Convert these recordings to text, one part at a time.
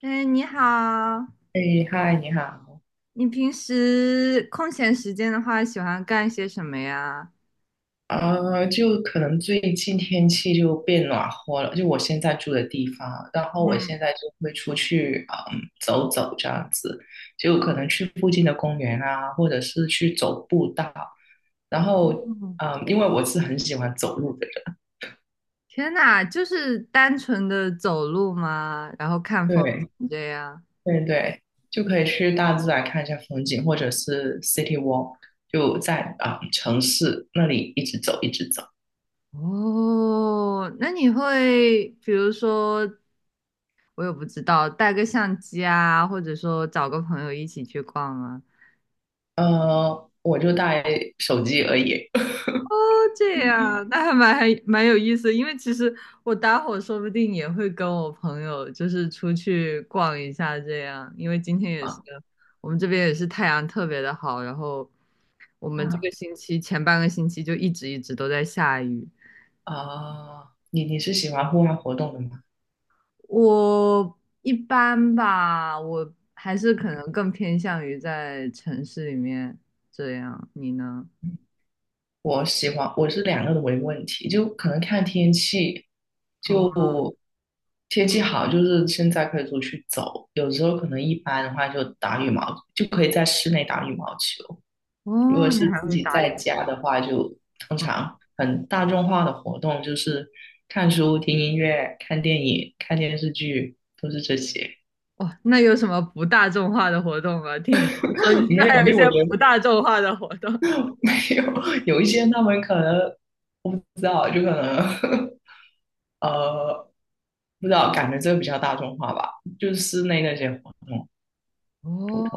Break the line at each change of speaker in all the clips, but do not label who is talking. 哎，你好，
哎，嗨，你好。
你平时空闲时间的话，喜欢干些什么呀？
就可能最近天气就变暖和了，就我现在住的地方，然后我
嗯。
现在就会出去，走走这样子，就可能去附近的公园啊，或者是去走步道。然后，
嗯。
因为我是很喜欢走路的人。
天呐，就是单纯的走路吗？然后看风
对，
景这样。
对对，就可以去大自然看一下风景，或者是 city walk，就在啊，城市那里一直走一直走。
哦，那你会比如说，我也不知道，带个相机啊，或者说找个朋友一起去逛吗？
我就带手机而已。
哦，这 样，那还蛮有意思因为其实我待会儿说不定也会跟我朋友就是出去逛一下这样，因为今天也是
啊。
我们这边也是太阳特别的好，然后我们这
啊
个星期前半个星期就一直一直都在下雨。
啊，你是喜欢户外活动的吗？
我一般吧，我还是可能更偏向于在城市里面这样，你呢？
我喜欢，我是两个都没问题，就可能看天气，
哦。
就天气好，就是现在可以出去走，有时候可能一般的话就打羽毛，就可以在室内打羽毛球。如果
哦。你
是
还
自
会
己
打羽
在家的话，就通常很大众化的活动就是看书、听音乐、看电影、看电视剧，都是这些。
哇，那有什么不大众化的活动吗？听你这么说，你现在
没
还有
有，
一
就
些
我觉
不
得。
大众化的活动。
没有，有一些他们可能我不知道，就可能 呃不知道，感觉这个比较大众化吧，就是室内那些活动普
哦，
通。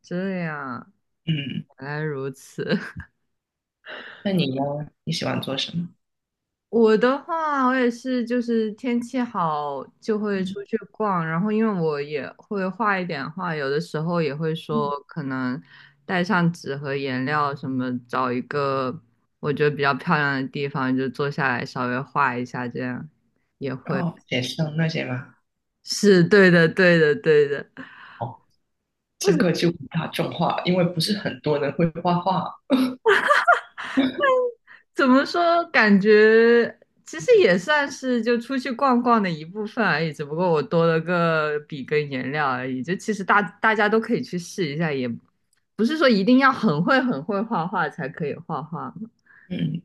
这样，
嗯，
原来如此。
那你呢？你喜欢做什么？
我的话，我也是，就是天气好就会
嗯
出去逛，然后因为我也会画一点画，有的时候也会说
嗯，
可能带上纸和颜料什么，找一个我觉得比较漂亮的地方就坐下来稍微画一下，这样也会。
哦，写生那些吗？
是对的，对的，对的。
哦，这个 就不大众化，因为不是很多人会画画。
怎么说？感觉其实也算是就出去逛逛的一部分而已，只不过我多了个笔跟颜料而已。就其实大家都可以去试一下，也不是说一定要很会很会画画才可以画画。
嗯，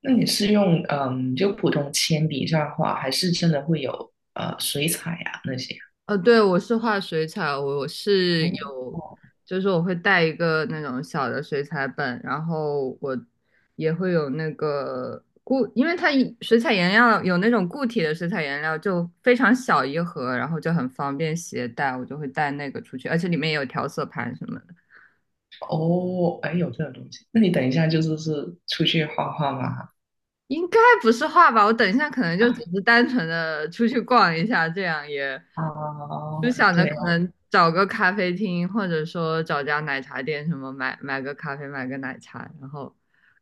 那你是用就普通铅笔这样画，还是真的会有水彩呀、那些？
呃，对，我是画水彩，我是
哦。
有，就是我会带一个那种小的水彩本，然后我也会有那个因为它水彩颜料有那种固体的水彩颜料，就非常小一盒，然后就很方便携带，我就会带那个出去，而且里面也有调色盘什么的。
哦，哎，有这个东西。那你等一下就是出去画画嘛？
应该不是画吧？我等一下可能就只是单纯的出去逛一下，这样也
啊，
就想着
对啊，
可能找个咖啡厅，或者说找家奶茶店什么买个咖啡，买个奶茶，然后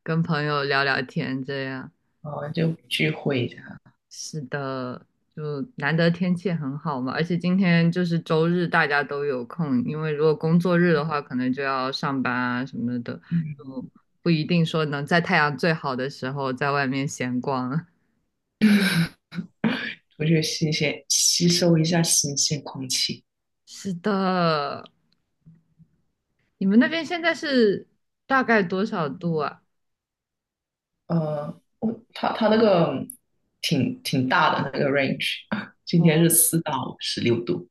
跟朋友聊聊天，这样。
哦，就聚会一下。
是的，就难得天气很好嘛，而且今天就是周日，大家都有空，因为如果工作日的话，可能就要上班啊什么的，
嗯，
就不一定说能在太阳最好的时候在外面闲逛。
出去吸收一下新鲜空气。
是的，你们那边现在是大概多少度啊？
我它那个挺大的那个 range，今天是4到16度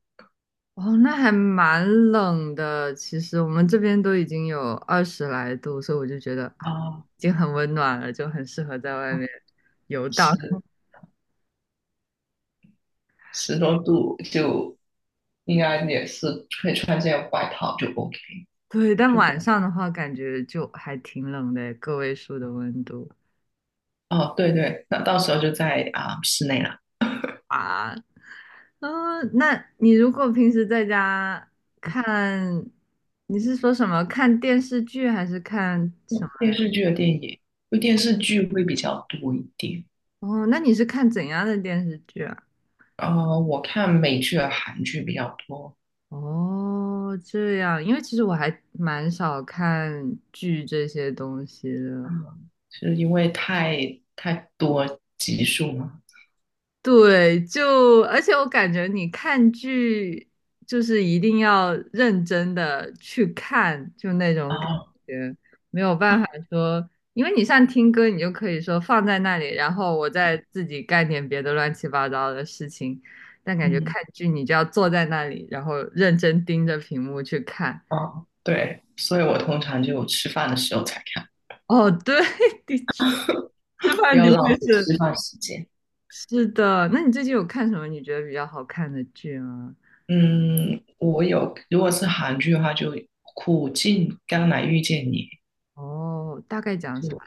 哦，那还蛮冷的。其实我们这边都已经有20来度，所以我就觉得啊，
啊。
已经很温暖了，就很适合在外面
哦，
游荡。
十 十多度就应该也是可以穿件外套就 OK。
对，但
就
晚上的话，感觉就还挺冷的，个位数的温度
哦，对对，那到时候就在啊、室内了。
啊。嗯，那你如果平时在家看，你是说什么？看电视剧还是看什么？
嗯电视剧的电影，因为电视剧会比较多一点。
哦，那你是看怎样的电视剧啊？
我看美剧和韩剧比较多。
哦，这样，因为其实我还蛮少看剧这些东西的。
嗯，是因为太多集数嘛。
对，就而且我感觉你看剧就是一定要认真的去看，就那种感
啊，
觉，没有办法说，因为你像听歌，你就可以说放在那里，然后我再自己干点别的乱七八糟的事情，但感觉
嗯，
看剧你就要坐在那里，然后认真盯着屏幕去看。
啊，对，所以我通常就吃饭的时候才看，
哦，对，的确。吃
不
饭
要
的
浪
确
费
是。
吃饭时间。
是的。那你最近有看什么你觉得比较好看的剧吗？
嗯，我有，如果是韩剧的话，就《苦尽甘来遇见你》。
哦，大概讲啥？
就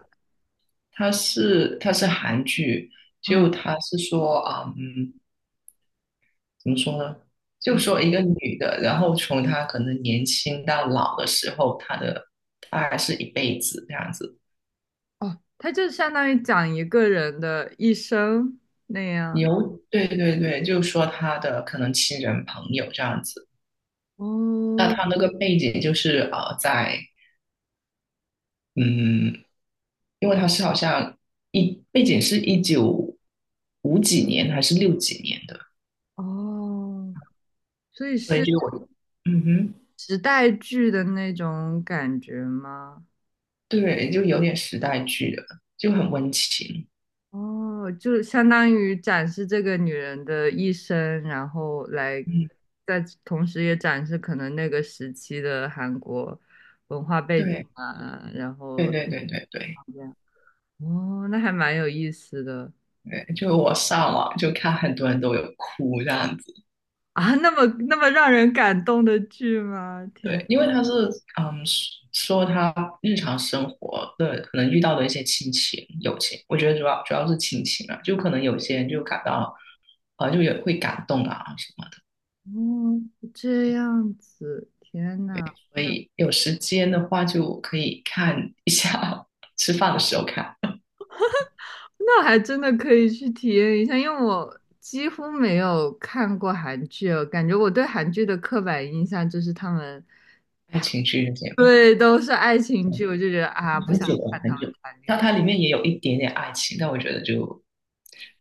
它是韩剧，
嗯。
就它是说啊。嗯。怎么说呢？就
嗯。
说一个女的，然后从她可能年轻到老的时候，她的大概是一辈子这样子。
哦，它就相当于讲一个人的一生那样。
有，对对对，就说她的可能亲人朋友这样子。那
哦。
她那个背景就是在嗯，因为她是好像背景是195几年还是6几年的。
哦，所以
所以
是
就我，嗯哼。
时代剧的那种感觉吗？
对，就有点时代剧的，就很温情。
哦，就相当于展示这个女人的一生，然后来，
嗯，
在同时也展示可能那个时期的韩国文化背景
对
啊，然
对
后
对对对对。
这样，哦，那还蛮有意思的
对，就我上网就看很多人都有哭这样子。
啊，那么那么让人感动的剧吗？天。
对，因为他是嗯说他日常生活的可能遇到的一些亲情、友情。我觉得主要是亲情啊，就可能有些人就感到啊就也会感动啊什么的。
哦，这样子，天呐。
所以有时间的话就可以看一下。吃饭的时候看
那还真的可以去体验一下，因为我几乎没有看过韩剧哦，感觉我对韩剧的刻板印象就是他们，
爱情剧这些吧，
对，都是爱情剧，我就觉得啊，不
很
想
久了
看
很
他们
久了。
谈恋
但
爱。
它里面也有一点点爱情，但我觉得就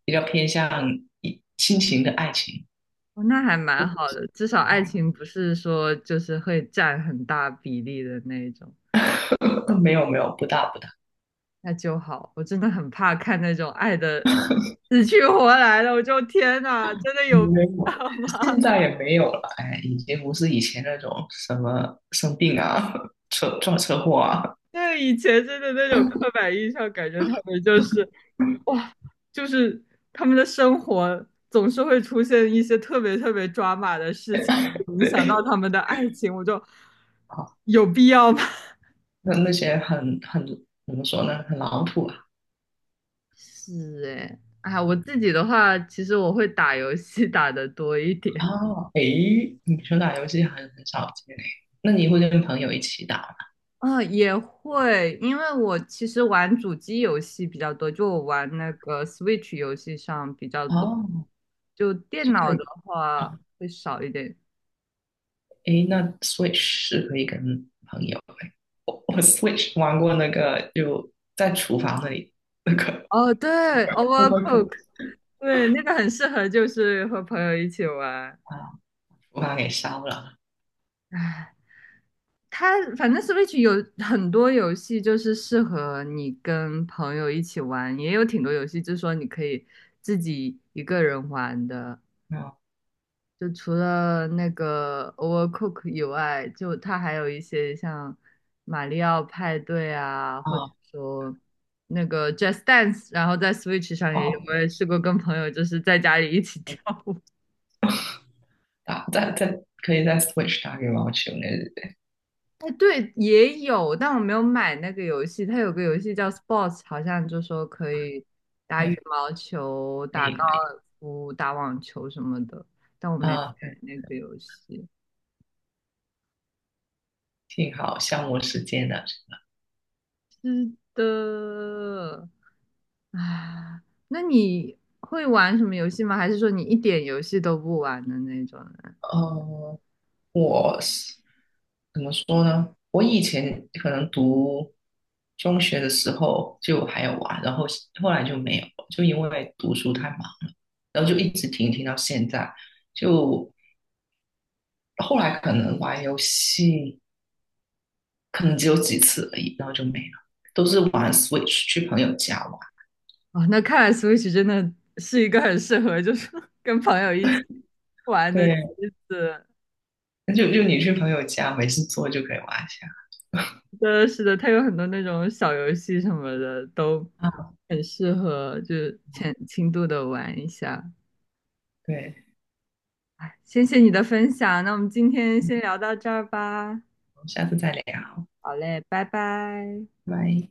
比较偏向亲情的爱情。
哦，那还蛮好的，至少爱
啊。
情不是说就是会占很大比例的那一种，
没有没有，不大不大，
那就好。我真的很怕看那种爱的死去活来的，我就天哪，真的有必
没有，
要吗？
现在也没有了。哎，已经不是以前那种什么生病啊、车祸啊。
对，以前真的那种刻板印象，感觉他们就是哇，就是他们的生活总是会出现一些特别特别抓马的事情，影响
对
到他们的爱情，我就
啊，
有必要吗？
那些很怎么说呢，很老土啊。
是哎，哎，我自己的话，其实我会打游戏打的多一点。
哦，哎，你说打游戏很少见嘞。那你会跟朋友一起打吗？
啊，也会，因为我其实玩主机游戏比较多，就我玩那个 Switch 游戏上比较多，
哦，
就电
就可
脑
以
的话
啊。
会少一点。
哎，那 Switch 是可以跟朋友哎，我 Switch 玩过那个，就在厨房那里那个
哦，对
o v e r c o o
，Overcook,对，那个很适合就是和朋友一起玩。
k 啊，厨房给烧了。
唉，它反正 Switch 有很多游戏就是适合你跟朋友一起玩，也有挺多游戏就是说你可以自己一个人玩的。
啊。
就除了那个 Overcook 以外，就它还有一些像马里奥派对啊，或者
啊
说那个 Just Dance,然后在 Switch 上也有，
哦，
我也试过跟朋友就是在家里一起 跳舞。
打再可以再 switch 打羽毛球那日。
哎，对，也有，但我没有买那个游戏。它有个游戏叫 Sports,好像就说可以打羽
对，
毛球、
可
打高
以可以
尔夫、打网球什么的，但我没买
啊，对，
那个游戏。
挺好，消磨时间的。
是的。啊，那你会玩什么游戏吗？还是说你一点游戏都不玩的那种人？
呃，我是怎么说呢？我以前可能读中学的时候就还有玩，然后后来就没有，就因为读书太忙，然后就一直停到现在。就后来可能玩游戏，可能只有几次而已，然后就没了，都是玩 Switch 去朋友家玩。
哦，那看来 Switch 真的是一个很适合，就是 跟朋友一起玩的机
对，
子。
那就你去朋友家没事做就可以挖下
真的是的，它有很多那种小游戏什么的，都
啊。
很适合，就是浅轻度的玩一下。
对，
哎，谢谢你的分享，那我们今天先
嗯
聊到这儿吧。
我们下次再聊，
好嘞，拜拜。
拜。